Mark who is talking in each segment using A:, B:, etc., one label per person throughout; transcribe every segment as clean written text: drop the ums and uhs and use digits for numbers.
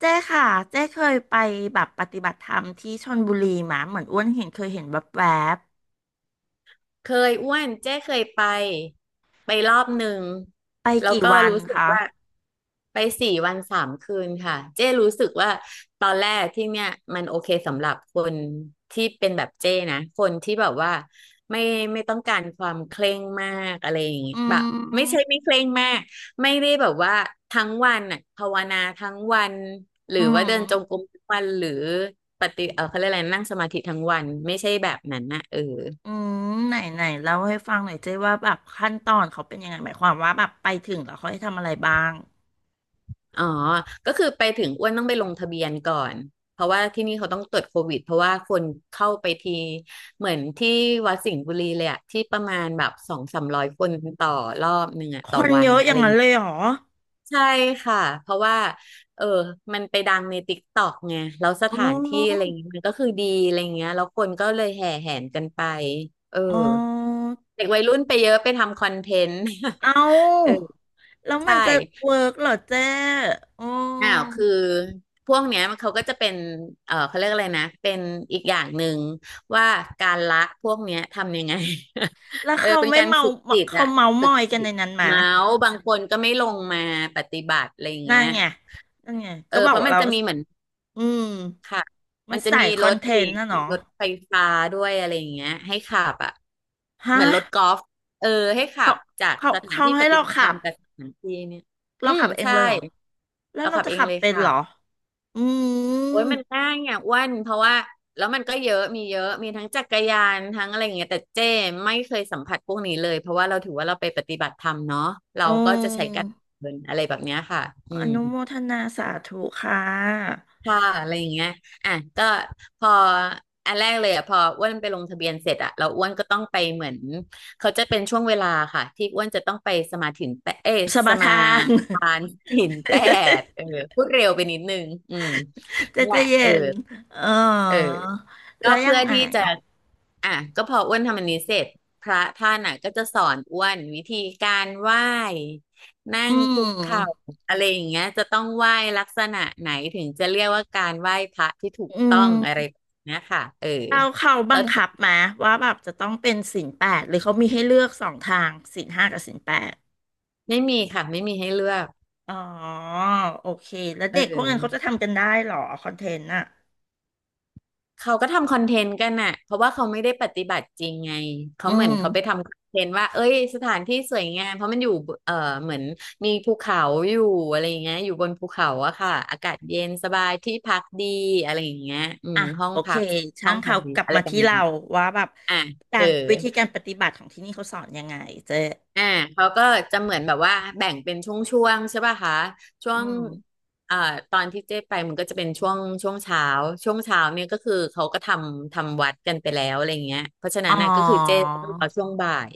A: เจ้ค่ะเจ้เคยไปแบบปฏิบัติธรรมที่ชลบุรีมาเหมือนอ้วนเห็นเคยเห็นแวบ
B: เคยอ้วนเจ๊เคยไปรอบหนึ่ง
A: ๆไป
B: แล้ว
A: กี่
B: ก็
A: วัน
B: รู้สึก
A: คะ
B: ว่าไป4 วัน 3 คืนค่ะเจ๊รู้สึกว่าตอนแรกที่เนี่ยมันโอเคสำหรับคนที่เป็นแบบเจ๊นะคนที่แบบว่าไม่ไม่ต้องการความเคร่งมากอะไรอย่างงี้
A: อื
B: แบบไม่ใช่
A: ม
B: ไม่เคร่งมากไม่ได้แบบว่าทั้งวันน่ะภาวนาทั้งวันหรื
A: อื
B: อว่า
A: ม
B: เดินจงกรมทั้งวันหรือปฏิเออเขาเรียกอะไรนั่งสมาธิทั้งวันไม่ใช่แบบนั้นนะเออ
A: อืมไหนไหนเล่าให้ฟังหน่อยเจ้ว่าแบบขั้นตอนเขาเป็นยังไงหมายความว่าแบบไปถึงแล้วเขาให้ทำอะไรบ้าง
B: อ๋อก็คือไปถึงอ้วนต้องไปลงทะเบียนก่อนเพราะว่าที่นี่เขาต้องตรวจโควิดเพราะว่าคนเข้าไปทีเหมือนที่วัดสิงห์บุรีเลยอะที่ประมาณแบบสองสามร้อยคนต่อรอบหนึ่งอะ
A: ค
B: ต่อ
A: น
B: วั
A: เย
B: น
A: อะอ
B: อะ
A: ย่า
B: ไร
A: ง
B: อย่า
A: นั้
B: ง
A: นเล
B: เงี้
A: ย
B: ย
A: เหรอ
B: ใช่ค่ะเพราะว่าเออมันไปดังในติ๊กต็อกไงแล้วส
A: อ๋
B: ถานที่อะไร
A: อ
B: อย่างเงี้ยมันก็คือดีอะไรอย่างเงี้ยแล้วคนก็เลยแห่แหนกันไปเออ
A: อ๋อ
B: เด็กวัยรุ่นไปเยอะไปทำคอนเทนต์
A: เอ
B: เออ
A: าแล้วมั
B: ใช่
A: นจะเวิร์กเหรอเจ้อ๋อ
B: อ้าวคือพวกเนี้ยมันเขาก็จะเป็นเออเขาเรียกอะไรนะเป็นอีกอย่างหนึ่งว่าการละพวกเนี้ยทำยังไง
A: แล้ ว
B: เออ
A: เขา
B: เป็น
A: ไม่
B: การ
A: เมา
B: ฝึกจิต
A: เขา
B: อะ
A: เมาม
B: ฝึก
A: อยกัน
B: จิ
A: ใน
B: ต
A: นั้นไหม
B: เมาส์บางคนก็ไม่ลงมาปฏิบัติอะไรอย่าง
A: นั่
B: เงี้
A: น
B: ย
A: ไงนั่นไง
B: เอ
A: ก็
B: อ
A: บอ
B: เพ
A: ก
B: ราะ
A: ว่า
B: มัน
A: เรา
B: จะมีเหมือน
A: อืม
B: ค่ะ
A: มั
B: มั
A: น
B: นจะ
A: ใส่
B: มี
A: ค
B: ร
A: อน
B: ถ
A: เท
B: เอ
A: น
B: ก
A: ต์นะเนาะ
B: รถไฟฟ้าด้วยอะไรอย่างเงี้ยให้ขับอะ
A: ฮะ
B: เหมือนรถกอล์ฟเออให้ขั
A: เขา
B: บจาก
A: เขา
B: สถาน
A: เขา
B: ที่ป
A: ให้
B: ฏิ
A: เรา
B: บัติธ
A: ขั
B: รร
A: บ
B: มกับสถานที่เนี่ยอื
A: เรา
B: ม
A: ขับเอง
B: ใช่
A: เลยเหรอแล้ว
B: เรา
A: เรา
B: ขับ
A: จะ
B: เอง
A: ขับ
B: เลย
A: เป็น
B: ค่ะ
A: เหรออื
B: โอ้ย
A: ม
B: มันง่ายอ่ะอ้วนเพราะว่าแล้วมันก็เยอะมีเยอะมีทั้งจักรยานทั้งอะไรอย่างเงี้ยแต่เจ้ไม่เคยสัมผัสพวกนี้เลยเพราะว่าเราถือว่าเราไปปฏิบัติธรรมเนาะเรา
A: อื
B: ก็จะใช้การ
A: ม
B: เดินอะไรแบบเนี้ยค่ะอื
A: อ
B: ม
A: นุโมทนาสาธุค่ะ
B: ค่ะอะไรอย่างเงี้ยอ่ะก็พออันแรกเลยอ่ะพออ้วนไปลงทะเบียนเสร็จอ่ะเราอ้วนก็ต้องไปเหมือนเขาจะเป็นช่วงเวลาค่ะที่อ้วนจะต้องไป
A: ส
B: ส
A: มา
B: มา
A: ทาน
B: ทานหินแปด เออพูดเร็วไปนิดนึงอืม
A: เจะ
B: นั่นแห
A: จะ
B: ละเออ
A: เย็นเอ
B: เออ
A: อ
B: ก็
A: แล้วยั
B: เพื่
A: ง
B: อ
A: ไง
B: ที่จะ อ่ะ ก็พออ้วนทำอันนี้เสร็จ พระท่านอ่ะก็จะสอนอ้วนวิธีการไหว้ นั่
A: อื
B: งคุกเข่า
A: ม
B: อะไรอย่างเงี้ยจะต้องไหว้ลักษณะไหนถึงจะเรียกว่าการไหว้พระที่ถูก
A: อื
B: ต้องอะไร
A: ม
B: แบบเนี้ยค่ะ เออ
A: เราเขา
B: แล้
A: บั
B: ว
A: งคับมาว่าแบบจะต้องเป็นศีลแปดหรือเขามีให้เลือกสองทางศีลห้ากับศีลแปด
B: ไม่มีค่ะ ไม่มีให้เลือก
A: อ๋อโอเคแล้ว
B: เ
A: เด็กพวกนั้นเขา
B: ออ
A: จะทำกันได้เหรอคอนเทนต์น่ะ
B: เขาก็ทำคอนเทนต์กันน่ะเพราะว่าเขาไม่ได้ปฏิบัติจริงไง เขา
A: อื
B: เหมือน
A: ม
B: เขาไปทำคอนเทนต์ว่าเอ้ยสถานที่สวยงามเพราะมันอยู่บเอ่อเหมือนมีภูเขาอยู่อะไรอย่างเงี้ยอยู่บนภูเขาอะค่ะ อากาศเย็นสบายที่พักดีอะไรอย่างเงี้ยอืม
A: อ่ะ
B: ห้อง
A: โอเค
B: พัก
A: ช่างเขา
B: ดี
A: กลับ
B: อะไร
A: มา
B: ประ
A: ที่
B: มาณ
A: เรา
B: นี้
A: ว่าแบบ
B: อ่ะ
A: กา
B: เออ
A: รวิธีการปฏิบัติของที่นี่เขาสอนยังไงเจ๊
B: อ่าเขาก็จะเหมือนแบบว่าแบ่งเป็นช่วงๆใช่ป่ะคะช่ว
A: อื
B: ง
A: ม
B: อ่าตอนที่เจ๊ไปมันก็จะเป็นช่วงช่วงเช้าเนี่ยก็คือเขาก็ทำวัดกันไปแล้วอะไรเงี้ยเพราะฉะ
A: อ๋
B: นั้
A: อ
B: นน่ะก็คือเจ๊ต้องรอช่วงบ่าย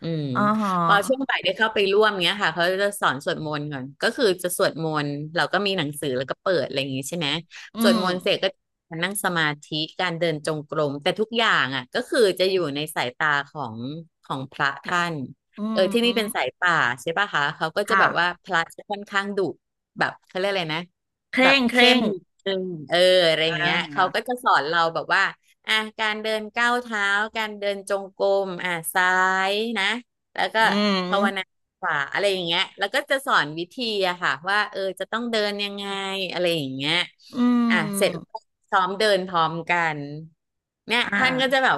B: อืม
A: อ๋อฮะ
B: พอช่วงบ่ายได้เข้าไปร่วมเงี้ยค่ะเขาจะสอนสวดมนต์ก่อนก็คือจะสวดมนต์เราก็มีหนังสือแล้วก็เปิดอะไรอย่างงี้ใช่ไหม
A: อื
B: สวด
A: ม
B: มนต์เสร็จก็มานั่งสมาธิการเดินจงกรมแต่ทุกอย่างอ่ะก็คือจะอยู่ในสายตาของพระ
A: ค่ะ
B: ท่าน
A: อื
B: เออที่นี่เป็
A: ม
B: นสายป่าใช่ป่ะคะเขาก็จะ
A: ค่ะ
B: แบบว่าพระจะค่อนข้างดุแบบเขาเรียกอะไรนะ
A: เค
B: แบ
A: ร่
B: บ
A: งเค
B: เข้
A: ร่
B: ม
A: ง
B: นิดนึงเอออะไรอย่า
A: อ่า
B: งเงี้ยเขาก็จะสอนเราแบบว่าอ่ะการเดินก้าวเท้าการเดินจงกรมอ่ะซ้ายนะแล้วก็
A: อื
B: ภาวนา
A: ม
B: ขวาอะไรอย่างเงี้ยแล้วก็จะสอนวิธีอะค่ะว่าเออจะต้องเดินยังไงอะไรอย่างเงี้ย
A: อืม
B: อ่ะเสร็จแล้วก็ซ้อมเดินพร้อมกันเนี่ย
A: อ่า
B: ท่านก็จะแบบ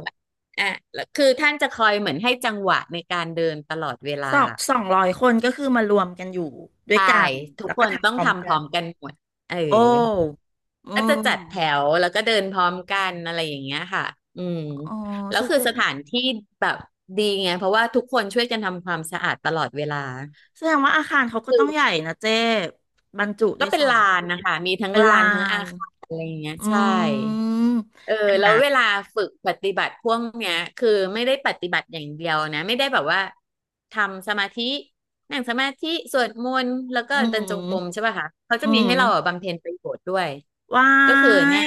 B: อ่ะแล้วคือท่านจะคอยเหมือนให้จังหวะในการเดินตลอดเวลา
A: สองสองร้อยคนก็คือมารวมกันอยู่ด้วย
B: ใช่
A: กัน
B: ทุก
A: แล้ว
B: ค
A: ก็
B: นต้อ
A: ทำพ
B: ง
A: ร้อม
B: ทำพ
A: กั
B: ร้อ
A: น
B: มกันหมดเออ
A: โอ้อื
B: ก็จะ
A: ม
B: จัดแถวแล้วก็เดินพร้อมกันอะไรอย่างเงี้ยค่ะอืม
A: อ๋อ
B: แล้ว
A: แส
B: คื
A: ด
B: อส
A: ง
B: ถานที่แบบดีไงเพราะว่าทุกคนช่วยกันทำความสะอาดตลอดเวลา
A: แสดงว่าอาคารเขาก็
B: คื
A: ต้
B: อ
A: องใหญ่นะเจ๊บรรจุ
B: ก็
A: ได้
B: เป็
A: ส
B: น
A: อง
B: ลานนะคะมีทั้ง
A: เป็น
B: ลา
A: ลา
B: นทั้งอา
A: น
B: คารอะไรอย่างเงี้ย
A: อื
B: ใช่
A: ม
B: เออแล้
A: อ่ะ
B: วเวลาฝึกปฏิบัติพวกเนี้ยคือไม่ได้ปฏิบัติอย่างเดียวนะไม่ได้แบบว่าทำสมาธินั่งสมาธิสวดมนต์แล้วก็
A: อื
B: เดินจงกรม
A: ม
B: ใช่ป่ะคะเขาจะ
A: อื
B: มี
A: ม
B: ให้เราอ่ะบำเพ็ญประโยชน์ด้วย
A: ว้า
B: ก็คือเนี่ย
A: ย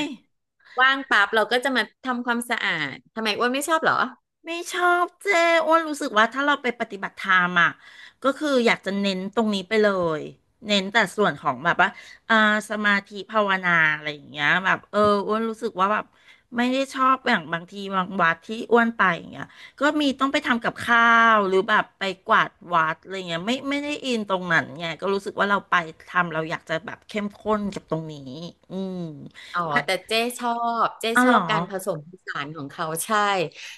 B: ว่างปั๊บเราก็จะมาทำความสะอาดทำไมอ้วนไม่ชอบเหรอ
A: ไม่ชอบเจ้อ้วนรู้สึกว่าถ้าเราไปปฏิบัติธรรมอ่ะก็คืออยากจะเน้นตรงนี้ไปเลยเน้นแต่ส่วนของแบบว่าอ่าสมาธิภาวนาอะไรอย่างเงี้ยแบบเอออ้วนรู้สึกว่าแบบไม่ได้ชอบอย่างบางทีบางวัดที่อ้วนไปอย่างเงี้ยก็มีต้องไปทำกับข้าวหรือแบบไปกวาดวัดอะไรเงี้ยไม่ได้อินตรงนั้นไงก็รู้สึกว่าเราไปทำเราอยากจะแบบเข้มข้นกับตรงนี้อืม
B: อ๋อ
A: ว่า
B: แต่เจ๊ชอบเจ๊
A: เอา
B: ช
A: เห
B: อ
A: ร
B: บ
A: อ
B: การผสมผสานของเขาใช่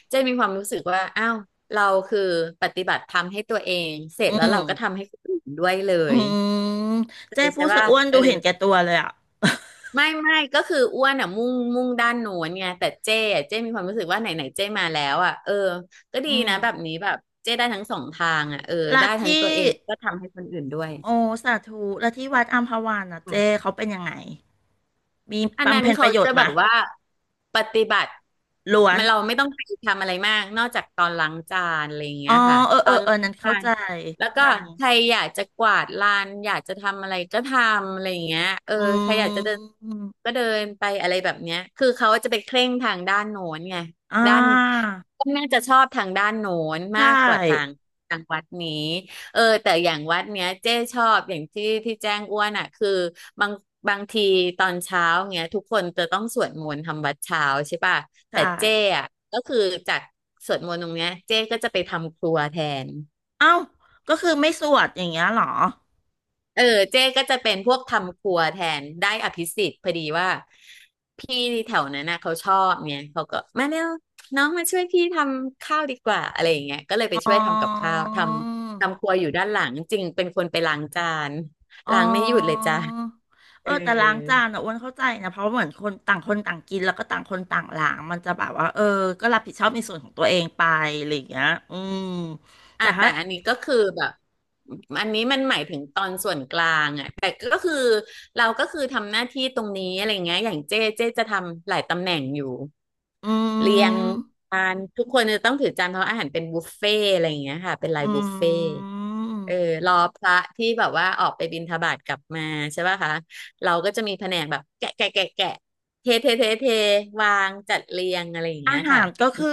B: เจ๊มีความรู้สึกว่าอ้าวเราคือปฏิบัติธรรมให้ตัวเองเสร็
A: อื
B: จแล้วเราก็
A: ม
B: ทำให้คนอื่นด้วยเล
A: อื
B: ย
A: ม
B: เข้า
A: เจ๊
B: ใจ
A: พู
B: ใช่
A: ดซะ
B: ป่ะ
A: อ้วน
B: เอ
A: ดู
B: อ
A: เห็นแก่ตัวเลยอ่ะ
B: ไม่ก็คืออ้วนอ่ะมุ่งด้านโน้นไงแต่เจ้อะเจ้มีความรู้สึกว่าไหนไหนเจ้มาแล้วอ่ะเออก็ดี
A: อืม
B: นะแบบนี้แบบเจ้ได้ทั้งสองทางอ่ะเออ
A: และ
B: ได้ทั้ง
A: ที่
B: ตัวเองก็ทำให้คนอื่นด้วย
A: โอสาธุและที่วัดอัมพวันอ่ะเจ๊เขาเป็นยังไงมี
B: อันนั้
A: บำ
B: น
A: เพ็ญป
B: เขา
A: ระโย
B: จะ
A: ชน์
B: แบ
A: มะ
B: บว่าปฏิบัติ
A: ล้วน
B: มันเราไม่ต้องไปทำอะไรมากนอกจากตอนล้างจานอะไรอย่าง
A: อ๋
B: เงี้
A: อ
B: ยค่ะ
A: เออ
B: ต
A: เอ
B: อ
A: อ
B: น
A: เออ
B: ล้าง
A: นั้น
B: จา
A: เข้า
B: น
A: ใจ
B: แล้วก็
A: อืม
B: ใครอยากจะกวาดลานอยากจะทำอะไรก็ทำอะไรอย่างเงี้ยใครอยา
A: อื
B: กจะเดิน
A: ม
B: ก็เดินไปอะไรแบบเนี้ยคือเขาจะไปเคร่งทางด้านโน้นไง
A: อ่า
B: ด้านก็น่าจะชอบทางด้านโน้น
A: ใช
B: มากกว่าทาง
A: ่
B: ทางวัดนี้ แต่อย่างวัดเนี้ยเจ้ชอบอย่างที่ที่แจ้งอ้วนอ่ะคือบางบางทีตอนเช้าเงี้ยทุกคนจะต้องสวดมนต์ทำวัดเช้าใช่ป่ะ
A: ใช่
B: แต่เจ้อ่ะก็คือจากสวดมนต์ตรงเนี้ยเจ้ก็จะไปทำครัวแทน
A: เอ้าก็คือไม่สวดอย่างเงี้ยเหรอ
B: เออเจ๊ก็จะเป็นพวกทำครัวแทนได้อภิสิทธิ์พอดีว่าพี่แถวนั้นน่ะเขาชอบเนี่ยเขาก็มาเร็วน้องมาช่วยพี่ทำข้าวดีกว่าอะไรอย่างเงี้ยก็เลยไป
A: อ๋อ
B: ช่วยทำกับข้าวทำครัวอยู่ด้านหลังจริงเป็นคนไปล้างจาน
A: อ๋อ
B: ล้างไม่หยุดเลยจ้ะ
A: เอ
B: เอ
A: อ
B: อ
A: แต่ล้างจานอ่ะอ้วนเข้าใจนะเพราะเหมือนคนต่างคนต่างกินแล้วก็ต่างคนต่างล้างมันจะแบบว่าเออก็รับผิดชอบในส่วนของตัวเองไปอะไรอย่างเงี้ยอืม
B: อ่ะ
A: แต่
B: แต่
A: ถ้า
B: อันนี้ก็คือแบบอันนี้มันหมายถึงตอนส่วนกลางอ่ะแต่ก็คือเราก็คือทำหน้าที่ตรงนี้อะไรเงี้ยอย่างเจ๊จะทำหลายตำแหน่งอยู่
A: อื
B: เรียง
A: ม
B: จานทุกคนจะต้องถือจานเพราะอาหารเป็นบุฟเฟ่ต์อะไรอย่างเงี้ยค่ะเป็นลาย
A: อื
B: บุฟเฟ่ต์
A: ม
B: เออรอพระที่แบบว่าออกไปบิณฑบาตกลับมาใช่ป่ะคะเราก็จะมีแผนกแบบแกะเทวางจัดเรียงอะไรอย่าง
A: อา
B: เงี้ย
A: หา
B: ค่ะ
A: รก็คือ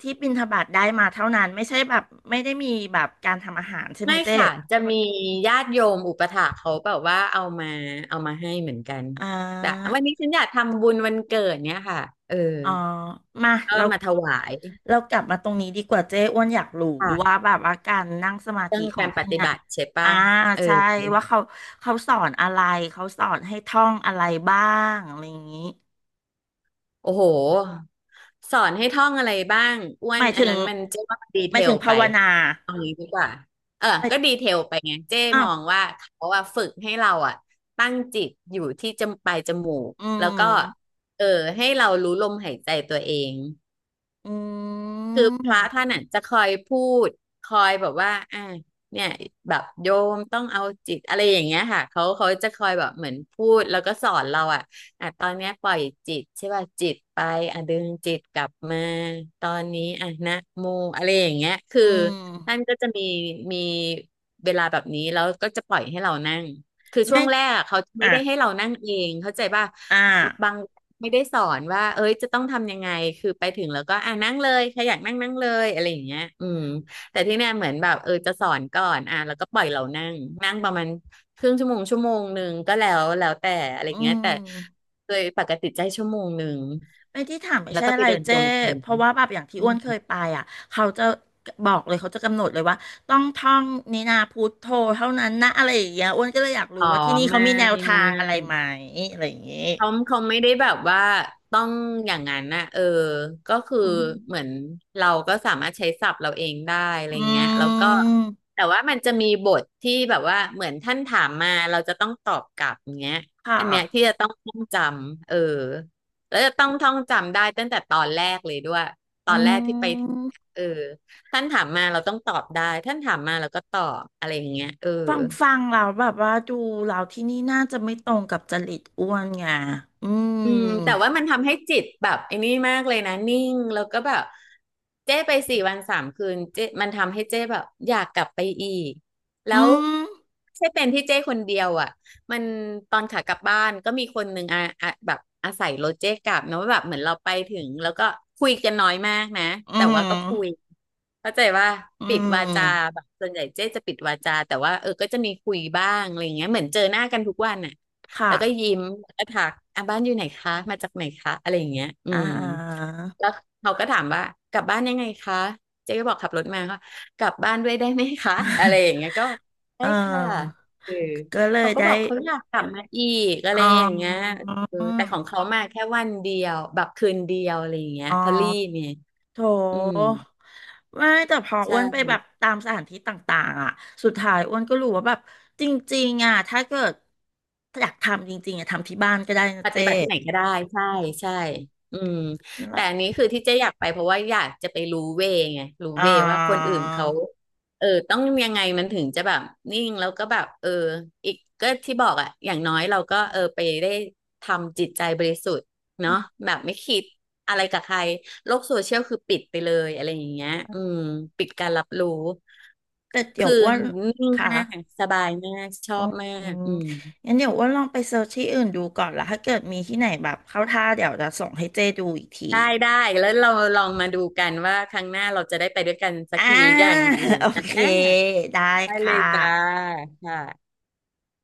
A: ที่บิณฑบาตได้มาเท่านั้นไม่ใช่แบบไม่ได้มีแบบการทำอาหารใช่ไหม
B: ไม่
A: เจ๊
B: ค่ะจะมีญาติโยมอุปถากเขาแบบว่าเอามาให้เหมือนกัน
A: อ่
B: แบบ
A: า
B: วันนี้ฉันอยากทำบุญวันเกิดเนี้ยค่ะเออ
A: อ๋อมา
B: ก็
A: เรา
B: มาถวาย
A: เรากลับมาตรงนี้ดีกว่าเจ๊อ้วนอยากรู้ว่า
B: ค่ะ
A: แบบว่าการนั่งสมา
B: เรื่
A: ธิ
B: อง
A: ของ
B: การป
A: ที่
B: ฏิ
A: เนี่ย
B: บัติใช่
A: อ่า
B: ป่ะเออ
A: ใช่ว่าเขาสอนอะไรเขาสอนให้ท่องอะไรบ้างอะไรอย่างนี้
B: โอ้โห สอนให้ท่องอะไรบ้างอ้ว
A: ห
B: น
A: มาย
B: อั
A: ถึ
B: น
A: ง
B: นั้นมันเจ๊ว่ามันดี
A: ห
B: เท
A: มายถึ
B: ล
A: ง
B: ไป
A: ภาวนา
B: เอางี้ดีกว่าเออ
A: หมาย
B: ก็ดีเทลไปไงเจ๊
A: อ้า
B: ม
A: ว
B: องว่าเขาอะฝึกให้เราอะตั้งจิตอยู่ที่จมปลายจมูก
A: อื
B: แล้วก็
A: ม
B: เออให้เรารู้ลมหายใจตัวเอง
A: อื
B: คือพระ
A: ม
B: ท่านอ่ะจะคอยพูดคอยแบบว่าเนี่ยแบบโยมต้องเอาจิตอะไรอย่างเงี้ยค่ะเขาจะคอยแบบเหมือนพูดแล้วก็สอนเราอ่ะอ่ะตอนเนี้ยปล่อยจิตใช่ป่ะจิตไปอ่ะดึงจิตกลับมาตอนนี้อ่ะนะโมอะไรอย่างเงี้ยคือ
A: อื
B: ท่าน
A: ม
B: ก็จะมีเวลาแบบนี้แล้วก็จะปล่อยให้เรานั่ง คือช่
A: ไม่
B: วงแรกอะเขาไม่
A: อ่ะ
B: ได้ให้เรานั่งเองเข้าใจป่ะ
A: อ่ะ
B: บางไม่ได้สอนว่าเอ้ยจะต้องทำยังไงคือไปถึงแล้วก็อ่ะนั่งเลยใครอยากนั่งนั่งเลยอะไรอย่างเงี้ยอืมแต่ที่เนี่ยเหมือนแบบเออจะสอนก่อนอ่ะแล้วก็ปล่อยเรานั่งนั่งประมาณครึ่งชั่วโมงชั่วโมงหนึ่งก็แล้วแต่อะไรอย่าง
A: อื
B: เงี้ย
A: ม
B: แต่โดยปกติใจชั่วโมงหนึ่ง
A: ไอ้ที่ถามไม่
B: แล้ว
A: ใช่
B: ก็
A: อะ
B: ไป
A: ไร
B: เดินจ
A: เจ้
B: งกรม
A: เพราะว่าแบบอย่างที่
B: อื
A: อ้ว
B: ม
A: นเคยไปอ่ะเขาจะบอกเลยเขาจะกำหนดเลยว่าต้องท่องนินาพุทโธเท่านั้นนะอะไรอย่างเงี้ยอ้วนก็เลยอยากรู้
B: อ๋อ
A: ว่าที่นี่เขา
B: ไม่
A: มีแนวทา
B: ไม่
A: งอะไรไหมอะไรอย่างเงี้ย
B: เขาไม่ได้แบบว่าต้องอย่างนั้นนะเออก็คือ
A: อืม
B: เหมือนเราก็สามารถใช้ศัพท์เราเองได้อะไร
A: อื
B: เงี้ยแล้วก็
A: ม
B: แต่ว่ามันจะมีบทที่แบบว่าเหมือนท่านถามมาเราจะต้องตอบกลับเงี้ย
A: ค่ะ
B: อันเนี้ยที่จะต้องท่องจำเออแล้วจะต้องท่องจำได้ตั้งแต่ตอนแรกเลยด้วยต
A: อื
B: อนแรกที่ไป
A: ม
B: เออท่านถามมาเราต้องตอบได้ท่านถามมาเราก็ตอบอะไรอย่างเงี้ยเออ
A: ฟังฟังเราแล้วแบบว่าดูเราที่นี่น่าจะไม่ตรงกับจริตอ้วนไงอื
B: อืมแต่
A: ม
B: ว่ามันทำให้จิตแบบไอ้นี่มากเลยนะนิ่งแล้วก็แบบเจ้ไป4 วัน 3 คืนเจ้มันทำให้เจ้แบบอยากกลับไปอีกแล้
A: อื
B: ว
A: ม
B: ไม่ใช่เป็นที่เจ้คนเดียวอ่ะมันตอนขากลับบ้านก็มีคนหนึ่งอ่ะแบบอาศัยรถเจ้กลับนะว่าแบบเหมือนเราไปถึงแล้วก็คุยกันน้อยมากนะ
A: อื
B: แต่ว่า
A: ม
B: ก็คุยเข้าใจว่า
A: อื
B: ปิดวาจา
A: ม
B: แบบส่วนใหญ่เจ๊จะปิดวาจาแต่ว่าเออก็จะมีคุยบ้างอะไรเงี้ยเหมือนเจอหน้ากันทุกวันอ่ะ แล้
A: ค่ะ
B: วก็ยิ้มแล้วก็ทักอ่ะบ้านอยู่ไหนคะมาจากไหนคะอะไรอย่างเงี้ยอื
A: อ่า
B: มแล้วเขาก็ถามว่ากลับบ้านยังไงคะเจ๊ก็บอกขับรถมาค่ะกลับบ้านด้วยได้ไหมคะอะไรอย่างเงี้ยก็
A: เ
B: ได้ค่ะ
A: ออ
B: เออ
A: ก็เล
B: เขา
A: ย
B: ก็
A: ได้
B: บอกเขาอยากกลับมาอีกอะไร
A: อ๋อ
B: อย่างเงี้ยเออแต่ของเขามาแค่วันเดียวแบบคืนเดียวอะไรอย่างเงี้ย
A: อ๋อ
B: พอลลี่เนี่ย
A: โถ
B: อืม
A: ไม่แต่พอ
B: ใช่
A: อ้วนไปแบบตามสถานที่ต่างๆอ่ะสุดท้ายอ้วนก็รู้ว่าแบบจริงๆอ่ะถ้าเกิดอยากทำจริงๆอ่ะทำที่บ้านก็ได้นะ
B: ปฏิ
A: เจ๊
B: บัติที่ไหนก็ได้ใช่
A: อื
B: ใช่
A: ม
B: อืม
A: นั่นแห
B: แต่
A: ละ
B: อันนี้คือที่เจ๊อยากไปเพราะว่าอยากจะไปรู้เวไงรู้
A: อ่
B: เวว่าคน
A: า
B: อื่นเขาเออต้องยังไงมันถึงจะแบบนิ่งแล้วก็แบบเอออีกก็ที่บอกอะอย่างน้อยเราก็เออไปได้ทำจิตใจบริสุทธิ์เนาะแบบไม่คิดอะไรกับใครโลกโซเชียลคือปิดไปเลยอะไรอย่างเงี้ยอืมปิดการรับรู้
A: แต่เดี๋ย
B: คื
A: ว
B: อ
A: อ้วน
B: นิ่ง
A: ค่ะ
B: มากสบายมากชอ
A: อื
B: บมาก
A: ม
B: อืม
A: งั้นเดี๋ยวอ้วนลองไปเซิร์ชที่อื่นดูก่อนละถ้าเกิดมีที่ไหนแบบเข้าท่าเดี๋ยวจะส่งให้เจ๊ดูอีกที
B: ได้แล้วเราลองมาดูกันว่าครั้งหน้าเราจะได้ไปด้วยกันสัก
A: อ่า
B: ทีหรือยังอะไร อย่าง
A: โอ
B: เงี้ย
A: เค
B: อ่า
A: ได้
B: ได้เล
A: ค่ะ
B: ยจ้าค่ะ